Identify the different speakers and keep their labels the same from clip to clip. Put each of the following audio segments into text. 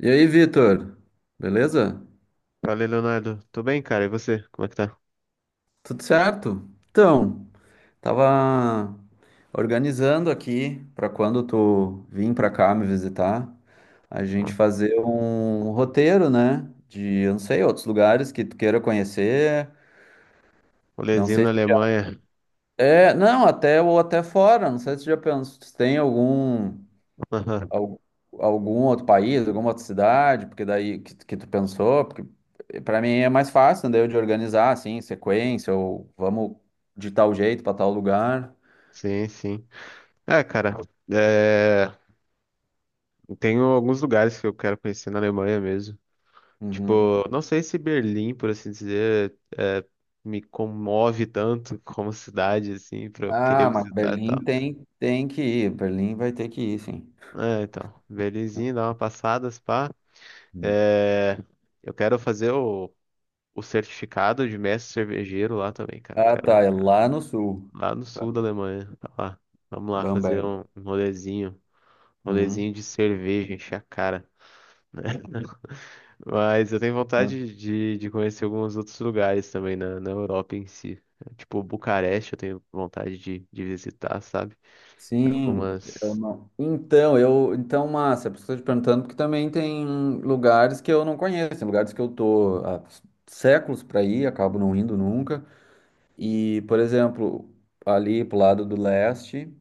Speaker 1: E aí, Vitor? Beleza?
Speaker 2: Valeu, Leonardo. Tô bem, cara. E você? Como é que tá?
Speaker 1: Tudo certo? Então, tava organizando aqui para quando tu vir para cá me visitar, a
Speaker 2: Ó,
Speaker 1: gente fazer um roteiro, né? Eu não sei, outros lugares que tu queira conhecer. Não
Speaker 2: rolezinho
Speaker 1: sei.
Speaker 2: na Alemanha.
Speaker 1: É, não, até ou até fora. Não sei se tu já pensou, se tem Al- algum outro país, alguma outra cidade, porque daí que tu pensou, porque para mim é mais fácil, daí eu de organizar assim, sequência, ou vamos de tal jeito para tal lugar.
Speaker 2: Sim, sim. É, cara, é... tenho alguns lugares que eu quero conhecer na Alemanha mesmo.
Speaker 1: Uhum.
Speaker 2: Tipo, não sei se Berlim, por assim dizer, me comove tanto como cidade, assim, pra eu querer
Speaker 1: Ah, mas
Speaker 2: visitar e
Speaker 1: Berlim
Speaker 2: tal.
Speaker 1: tem que ir, Berlim vai ter que ir, sim.
Speaker 2: É, então, Berlinzinho, dá uma passada, se pá.
Speaker 1: Hum.
Speaker 2: É... Eu quero fazer o certificado de mestre cervejeiro lá também, cara.
Speaker 1: Ah,
Speaker 2: Quero
Speaker 1: tá, é lá no sul,
Speaker 2: Lá no sul da Alemanha. Tá lá. Vamos lá fazer
Speaker 1: Bamberg.
Speaker 2: um rolezinho. Um
Speaker 1: Uhum.
Speaker 2: rolezinho de cerveja, encher a cara. Né? Mas eu tenho vontade de conhecer alguns outros lugares também na Europa em si. Tipo, Bucareste eu tenho vontade de visitar, sabe?
Speaker 1: Sim, eu
Speaker 2: Algumas.
Speaker 1: não. Então, massa, por isso que eu estou te perguntando, porque também tem lugares que eu não conheço, tem lugares que eu tô há séculos para ir, acabo não indo nunca. E, por exemplo, ali pro lado do leste,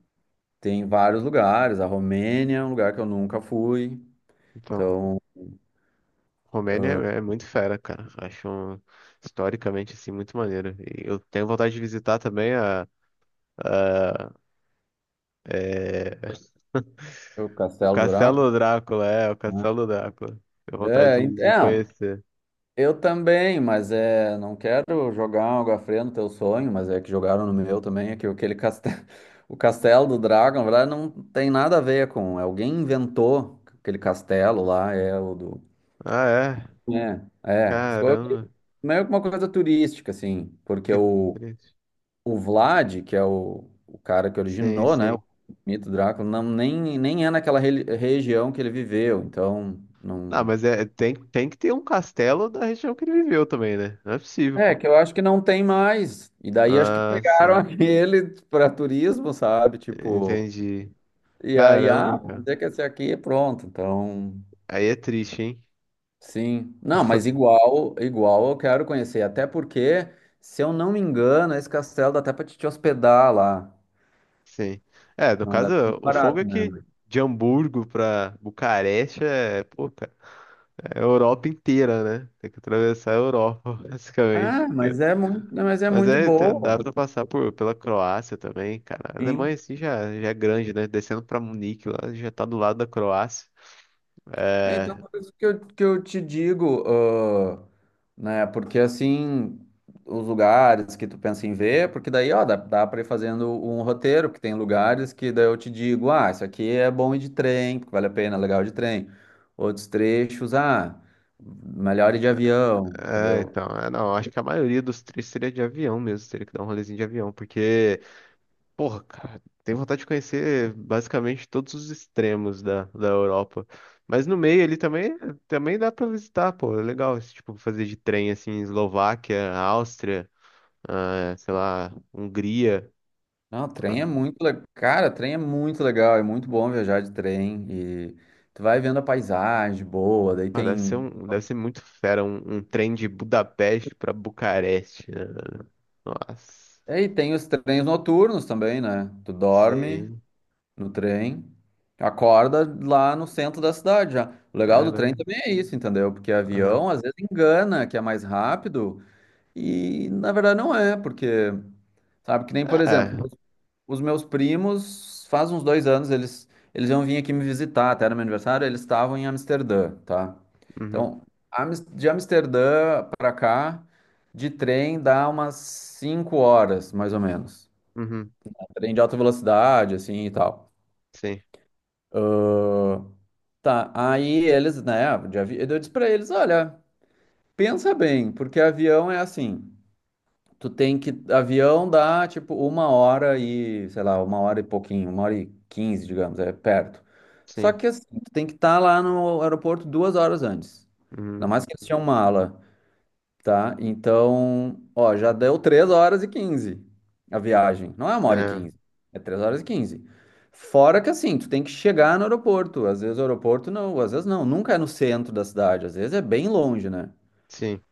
Speaker 1: tem vários lugares, a Romênia é um lugar que eu nunca fui.
Speaker 2: Então,
Speaker 1: Então,
Speaker 2: Romênia é muito fera, cara. Acho historicamente assim muito maneiro. E eu tenho vontade de visitar também a, é,
Speaker 1: o Castelo do Draco.
Speaker 2: Castelo Drácula, o Castelo Drácula. Tenho vontade
Speaker 1: É,
Speaker 2: de
Speaker 1: então,
Speaker 2: conhecer.
Speaker 1: eu também, mas é, não quero jogar algo a no teu sonho, mas é que jogaram no meu também, é que aquele castelo, o castelo do Dragon, na verdade, não tem nada a ver com, é, alguém inventou aquele castelo lá, é o do...
Speaker 2: Ah, é?
Speaker 1: É, é, ficou meio
Speaker 2: Caramba,
Speaker 1: meio que uma coisa turística, assim, porque
Speaker 2: que
Speaker 1: o,
Speaker 2: triste.
Speaker 1: o Vlad, que é o cara que
Speaker 2: Sim,
Speaker 1: originou, né, o
Speaker 2: sim.
Speaker 1: mito Drácula, não, nem é naquela região que ele viveu, então...
Speaker 2: Não,
Speaker 1: Não,
Speaker 2: mas é, tem que ter um castelo da região que ele viveu também, né? Não é possível,
Speaker 1: é,
Speaker 2: pô.
Speaker 1: que eu acho que não tem mais. E daí acho que
Speaker 2: Ah,
Speaker 1: pegaram
Speaker 2: sim.
Speaker 1: aquele para turismo, sabe? Tipo,
Speaker 2: Entendi.
Speaker 1: e aí, ah,
Speaker 2: Caramba,
Speaker 1: vamos
Speaker 2: cara.
Speaker 1: dizer que esse aqui é pronto. Então,
Speaker 2: Aí é triste, hein?
Speaker 1: sim. Não, mas igual eu quero conhecer. Até porque, se eu não me engano, esse castelo dá até para te hospedar lá.
Speaker 2: Sim. É, no
Speaker 1: Não
Speaker 2: caso,
Speaker 1: dá muito
Speaker 2: o fogo
Speaker 1: barato,
Speaker 2: é que
Speaker 1: né?
Speaker 2: de Hamburgo pra Bucareste é, pô, cara, é a Europa inteira, né? Tem que atravessar a Europa,
Speaker 1: Ah,
Speaker 2: basicamente.
Speaker 1: mas é muito, mas é
Speaker 2: Mas
Speaker 1: muito de
Speaker 2: é, dá
Speaker 1: boa.
Speaker 2: pra passar pela Croácia também, cara. A Alemanha
Speaker 1: Sim.
Speaker 2: assim já é grande, né? Descendo pra Munique lá, já tá do lado da Croácia.
Speaker 1: É, então,
Speaker 2: É,
Speaker 1: por isso que eu te digo, ah, né? Porque assim, os lugares que tu pensa em ver, porque daí, ó, dá pra ir fazendo um roteiro, que tem lugares que daí eu te digo, ah, isso aqui é bom ir de trem, porque vale a pena, é legal de trem. Outros trechos, ah, melhor ir de avião,
Speaker 2: é,
Speaker 1: entendeu?
Speaker 2: então, não, acho que a maioria dos três seria de avião mesmo, teria que dar um rolezinho de avião, porque, porra, cara, tenho vontade de conhecer basicamente todos os extremos da Europa. Mas no meio ali também, também dá pra visitar, pô, é legal, esse tipo, fazer de trem, assim, Eslováquia, Áustria, ah, sei lá, Hungria.
Speaker 1: Não, trem é muito legal. Cara, trem é muito legal, é muito bom viajar de trem e tu vai vendo a paisagem boa, daí
Speaker 2: Ah,
Speaker 1: tem.
Speaker 2: deve ser muito fera um, trem de Budapeste pra Bucareste, né? Nossa,
Speaker 1: É, e aí tem os trens noturnos também, né? Tu dorme
Speaker 2: sei.
Speaker 1: no trem, acorda lá no centro da cidade já. O legal do trem
Speaker 2: Caramba.
Speaker 1: também é isso, entendeu? Porque
Speaker 2: Aham.
Speaker 1: avião às vezes engana que é mais rápido e na verdade não é, porque sabe que nem, por
Speaker 2: É.
Speaker 1: exemplo, os meus primos, faz uns 2 anos eles iam vir aqui me visitar, até era meu aniversário, eles estavam em Amsterdã, tá?
Speaker 2: Uhum.
Speaker 1: Então, de Amsterdã pra cá de trem dá umas 5 horas, mais ou menos.
Speaker 2: Uhum.
Speaker 1: Trem de alta velocidade, assim e tal.
Speaker 2: Sim.
Speaker 1: Ah, tá, aí eles, né, eu disse pra eles, olha, pensa bem, porque avião é assim, avião dá, tipo, uma hora e, sei lá, uma hora e pouquinho, 1h15, digamos, é perto. Só
Speaker 2: Sim.
Speaker 1: que, assim, tu tem que estar lá no aeroporto 2 horas antes. Ainda
Speaker 2: Uhum.
Speaker 1: mais que eles tinham mala. Tá? Então, ó, já deu 3h15 a viagem. Não é uma hora e
Speaker 2: É.
Speaker 1: quinze é 3h15. Fora que assim, tu tem que chegar no aeroporto. Às vezes o aeroporto não, às vezes não, nunca é no centro da cidade, às vezes é bem longe, né?
Speaker 2: Sim.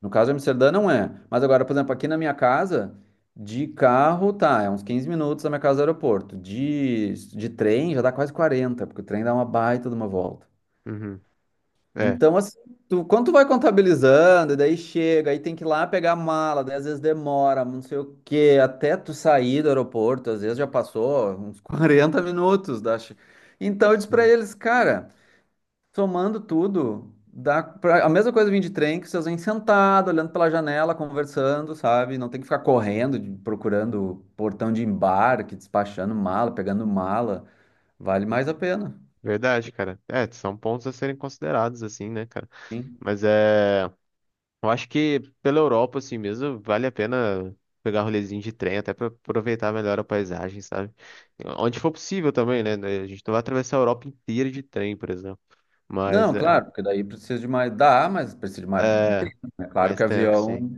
Speaker 1: No caso de Amsterdã não é. Mas agora, por exemplo, aqui na minha casa, de carro, tá, é uns 15 minutos da minha casa ao aeroporto. De trem já dá quase 40 porque o trem dá uma baita de uma volta.
Speaker 2: Uhum. É.
Speaker 1: Então, assim, tu, quando tu vai contabilizando, e daí chega, aí tem que ir lá pegar a mala, daí às vezes demora, não sei o quê, até tu sair do aeroporto, às vezes já passou uns 40 minutos, Então eu disse pra
Speaker 2: Sim.
Speaker 1: eles, cara, somando tudo, dá pra... a mesma coisa vir de trem, que vocês vêm sentado, olhando pela janela, conversando, sabe? Não tem que ficar correndo, procurando portão de embarque, despachando mala, pegando mala, vale mais a pena.
Speaker 2: Verdade, cara. É, são pontos a serem considerados, assim, né, cara? Mas é. Eu acho que pela Europa, assim mesmo, vale a pena pegar rolezinho de trem, até para aproveitar melhor a paisagem, sabe? Onde for possível também, né? A gente não vai atravessar a Europa inteira de trem, por exemplo. Mas
Speaker 1: Não,
Speaker 2: é,
Speaker 1: claro, porque daí precisa de mais. Dá, mas precisa de mais.
Speaker 2: é
Speaker 1: É claro
Speaker 2: mais
Speaker 1: que
Speaker 2: tempo,
Speaker 1: avião
Speaker 2: sim.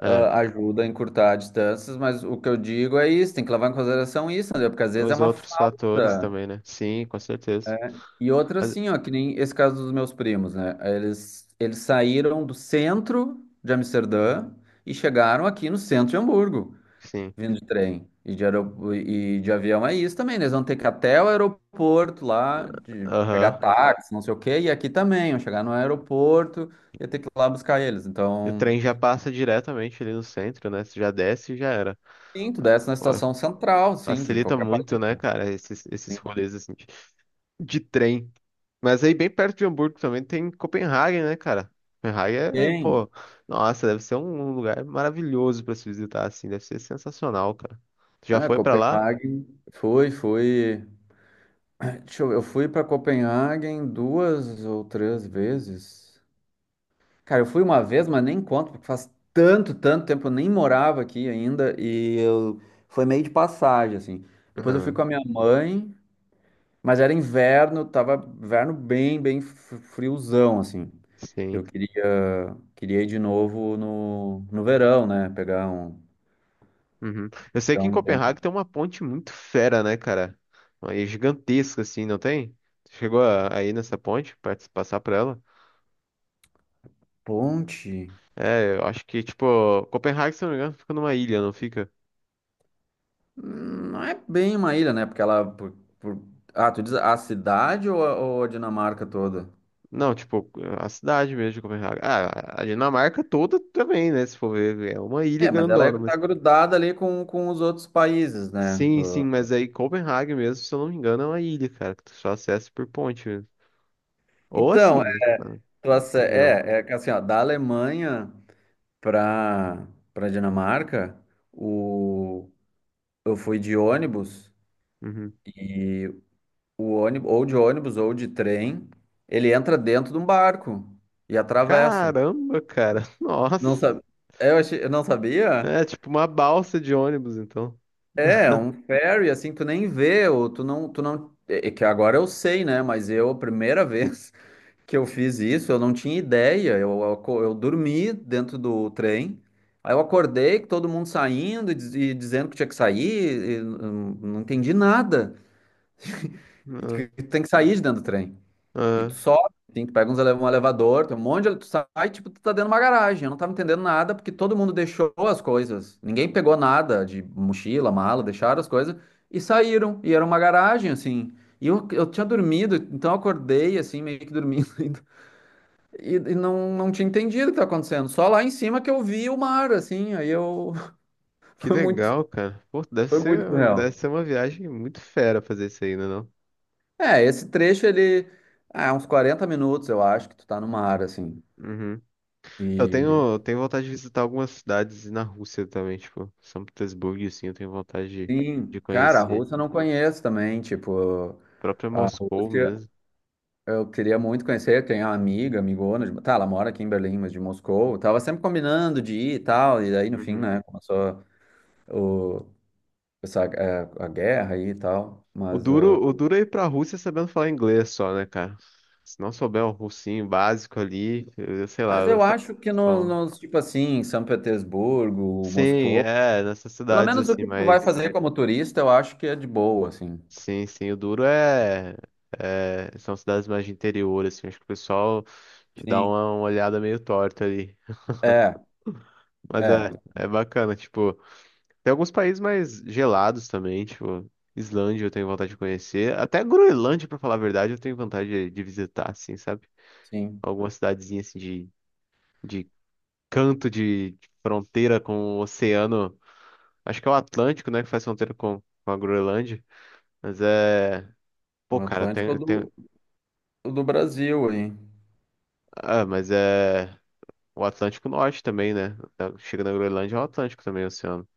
Speaker 2: É.
Speaker 1: ajuda a encurtar distâncias, mas o que eu digo é isso, tem que levar em consideração isso, entendeu? Porque às vezes é
Speaker 2: Os
Speaker 1: uma
Speaker 2: outros fatores
Speaker 1: falta.
Speaker 2: também, né? Sim, com certeza.
Speaker 1: É. E outra,
Speaker 2: Mas-
Speaker 1: assim, ó, que nem esse caso dos meus primos, né? Eles saíram do centro de Amsterdã e chegaram aqui no centro de Hamburgo.
Speaker 2: sim.
Speaker 1: Vindo de trem e de avião é isso também, né? Eles vão ter que ir até o aeroporto lá, de pegar
Speaker 2: Aham.
Speaker 1: táxi, não sei o quê, e aqui também, vão chegar no aeroporto e ter que ir lá buscar eles.
Speaker 2: E o
Speaker 1: Então,
Speaker 2: trem já passa diretamente ali no centro, né? Você já desce e já era.
Speaker 1: sim, tu desce na
Speaker 2: Pô,
Speaker 1: estação central, sim, de
Speaker 2: facilita
Speaker 1: qualquer
Speaker 2: muito,
Speaker 1: país.
Speaker 2: né, cara, esses
Speaker 1: Sim.
Speaker 2: rolês assim, de trem. Mas aí bem perto de Hamburgo também tem Copenhague, né, cara? Copenhague é,
Speaker 1: Tem.
Speaker 2: pô, nossa, deve ser um lugar maravilhoso pra se visitar, assim, deve ser sensacional, cara. Tu já
Speaker 1: Ah,
Speaker 2: foi pra lá?
Speaker 1: Copenhague, fui, fui. Deixa eu ver, eu fui para Copenhague duas ou três vezes. Cara, eu fui uma vez, mas nem conto, porque faz tanto, tanto tempo, eu nem morava aqui ainda, e eu foi meio de passagem, assim. Depois eu fui
Speaker 2: Ah,
Speaker 1: com a minha mãe, mas era inverno, tava inverno bem, bem friozão, assim. Eu
Speaker 2: sim.
Speaker 1: queria ir de novo no verão, né? Pegar um,
Speaker 2: Uhum. Eu sei
Speaker 1: pegar
Speaker 2: que em
Speaker 1: um
Speaker 2: Copenhague
Speaker 1: tempo.
Speaker 2: tem uma ponte muito fera, né, cara? Aí gigantesca, assim, não tem? Tu chegou aí nessa ponte, pra passar por ela?
Speaker 1: Ponte?
Speaker 2: É, eu acho que, tipo, Copenhague, se não me engano, fica numa ilha, não fica?
Speaker 1: Não é bem uma ilha, né? Porque ela. Por... Ah, tu diz a cidade ou a Dinamarca toda?
Speaker 2: Não, tipo, a cidade mesmo de Copenhague. Ah, a Dinamarca toda também, né? Se for ver, é uma ilha
Speaker 1: É, mas ela
Speaker 2: grandona,
Speaker 1: está
Speaker 2: mas.
Speaker 1: grudada ali com os outros países, né?
Speaker 2: Sim, sim, mas aí Copenhague mesmo, se eu não me engano, é uma ilha, cara, que tu só acessa por ponte mesmo. Ou assim,
Speaker 1: Então,
Speaker 2: esse,
Speaker 1: é,
Speaker 2: tá? Avião.
Speaker 1: que assim, ó, da Alemanha para para Dinamarca, o, eu fui de ônibus
Speaker 2: Uhum.
Speaker 1: e o ônibus ou de trem, ele entra dentro de um barco e atravessa.
Speaker 2: Caramba, cara,
Speaker 1: Não
Speaker 2: nossa.
Speaker 1: sabe? Eu achei, eu não sabia?
Speaker 2: É tipo uma balsa de ônibus, então.
Speaker 1: É um ferry assim, que tu nem vê, ou tu não, é que agora eu sei, né? A primeira vez que eu fiz isso, eu não tinha ideia. Eu dormi dentro do trem. Aí eu acordei com todo mundo saindo e, e dizendo que tinha que sair, e não entendi nada. E Que
Speaker 2: Ah,
Speaker 1: que tem que sair de dentro do trem. E tu
Speaker 2: ah,
Speaker 1: sobe, tem que pega um elevador, tem um monte de. Tu sai, tipo, tu tá dentro de uma garagem. Eu não tava entendendo nada porque todo mundo deixou as coisas. Ninguém pegou nada de mochila, mala, deixaram as coisas e saíram. E era uma garagem, assim. E eu tinha dormido, então eu acordei, assim, meio que dormindo. E não, tinha entendido o que tá acontecendo. Só lá em cima que eu vi o mar, assim. Aí eu.
Speaker 2: que
Speaker 1: Foi muito,
Speaker 2: legal, cara. Pô, deve
Speaker 1: foi
Speaker 2: ser,
Speaker 1: muito
Speaker 2: deve
Speaker 1: real.
Speaker 2: ser uma viagem muito fera fazer isso aí, né, não?
Speaker 1: É, esse trecho ele. Ah, é uns 40 minutos, eu acho, que tu tá no mar, assim.
Speaker 2: Uhum. Eu
Speaker 1: E.
Speaker 2: tenho vontade de visitar algumas cidades na Rússia também, tipo, São Petersburgo, assim, eu tenho vontade de,
Speaker 1: Sim,
Speaker 2: de
Speaker 1: cara, a
Speaker 2: conhecer.
Speaker 1: Rússia eu não conheço também. Tipo,
Speaker 2: A própria
Speaker 1: a
Speaker 2: Moscou
Speaker 1: Rússia
Speaker 2: mesmo.
Speaker 1: eu queria muito conhecer. Tem uma amiga, amigona. De... Tá, ela mora aqui em Berlim, mas de Moscou. Eu tava sempre combinando de ir e tal. E daí, no fim,
Speaker 2: Uhum.
Speaker 1: né, começou o... essa, é, a guerra aí e tal.
Speaker 2: O duro, o duro é ir pra Rússia sabendo falar inglês só, né, cara? Se não souber um russinho básico ali, eu sei lá,
Speaker 1: Mas
Speaker 2: eu
Speaker 1: eu acho que nos,
Speaker 2: só...
Speaker 1: nos, tipo assim, São Petersburgo,
Speaker 2: Sim,
Speaker 1: Moscou,
Speaker 2: é, nessas
Speaker 1: pelo
Speaker 2: cidades
Speaker 1: menos o
Speaker 2: assim,
Speaker 1: que tu vai
Speaker 2: mas...
Speaker 1: fazer como turista, eu acho que é de boa, assim.
Speaker 2: Sim, sim, o duro é... são cidades mais de interior, assim, acho que o pessoal te dá
Speaker 1: Sim.
Speaker 2: uma olhada meio torta ali.
Speaker 1: É,
Speaker 2: Mas
Speaker 1: é,
Speaker 2: é bacana, tipo... Tem alguns países mais gelados também, tipo, Islândia eu tenho vontade de conhecer. Até Groenlândia, pra falar a verdade, eu tenho vontade de visitar, assim, sabe?
Speaker 1: sim.
Speaker 2: Alguma cidadezinha assim de canto de fronteira com o oceano. Acho que é o Atlântico, né, que faz fronteira com a Groenlândia. Mas é. Pô,
Speaker 1: O
Speaker 2: cara,
Speaker 1: Atlântico é o
Speaker 2: tem, tem.
Speaker 1: do, o do Brasil aí.
Speaker 2: Ah, mas é. O Atlântico Norte também, né? Chega na Groenlândia, é o Atlântico também, é o oceano.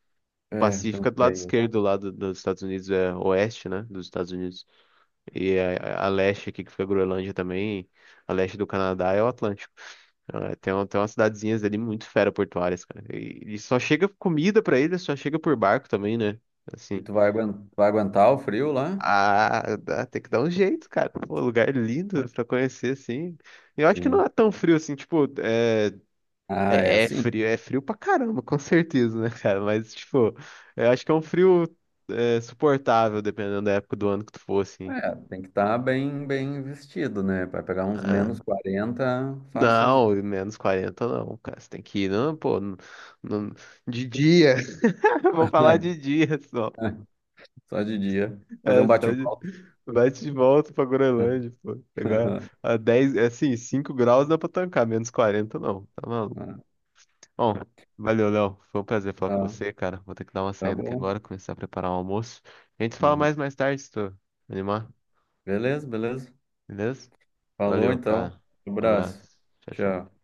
Speaker 2: O
Speaker 1: É, tu
Speaker 2: Pacífico é
Speaker 1: não
Speaker 2: do lado
Speaker 1: sei.
Speaker 2: esquerdo, do lado dos Estados Unidos, é oeste, né? Dos Estados Unidos. E a leste aqui, que fica a Groenlândia também, a leste do Canadá é o Atlântico. Ah, tem umas cidadezinhas ali muito fera-portuárias, cara. E, só chega comida pra eles, só chega por barco também, né?
Speaker 1: E
Speaker 2: Assim.
Speaker 1: tu vai aguentar o frio lá?
Speaker 2: Ah, tem que dar um jeito, cara. Pô, lugar lindo pra conhecer, assim. E eu acho que não
Speaker 1: Sim.
Speaker 2: é tão frio assim, tipo,
Speaker 1: Ah, é assim.
Speaker 2: é frio pra caramba, com certeza, né, cara? Mas, tipo, eu acho que é um frio suportável, dependendo da época do ano que tu for, assim.
Speaker 1: É, tem que estar bem, bem vestido, né? Vai pegar uns
Speaker 2: Ah.
Speaker 1: -40, fácilzinho.
Speaker 2: Não, -40 não, cara. Você tem que ir, não, pô, no- de dia. Vou falar de
Speaker 1: É,
Speaker 2: dia só.
Speaker 1: é, só de dia. Fazer
Speaker 2: É,
Speaker 1: um
Speaker 2: só de...
Speaker 1: bate-volta.
Speaker 2: Bate de volta pra Groenlândia, pô. Pegar a 10, é assim, 5 graus dá pra tancar, -40 não, tá maluco. Bom, valeu, Léo. Foi um prazer falar com
Speaker 1: Tá,
Speaker 2: você, cara. Vou ter que dar uma
Speaker 1: tá
Speaker 2: saída aqui
Speaker 1: bom.
Speaker 2: agora, começar a preparar o almoço. A gente fala
Speaker 1: Uhum.
Speaker 2: mais tarde, se tu animar,
Speaker 1: Beleza, beleza.
Speaker 2: beleza?
Speaker 1: Falou
Speaker 2: Valeu,
Speaker 1: então.
Speaker 2: cara. Um
Speaker 1: Abraço.
Speaker 2: abraço. Tchau, tchau.
Speaker 1: Tchau.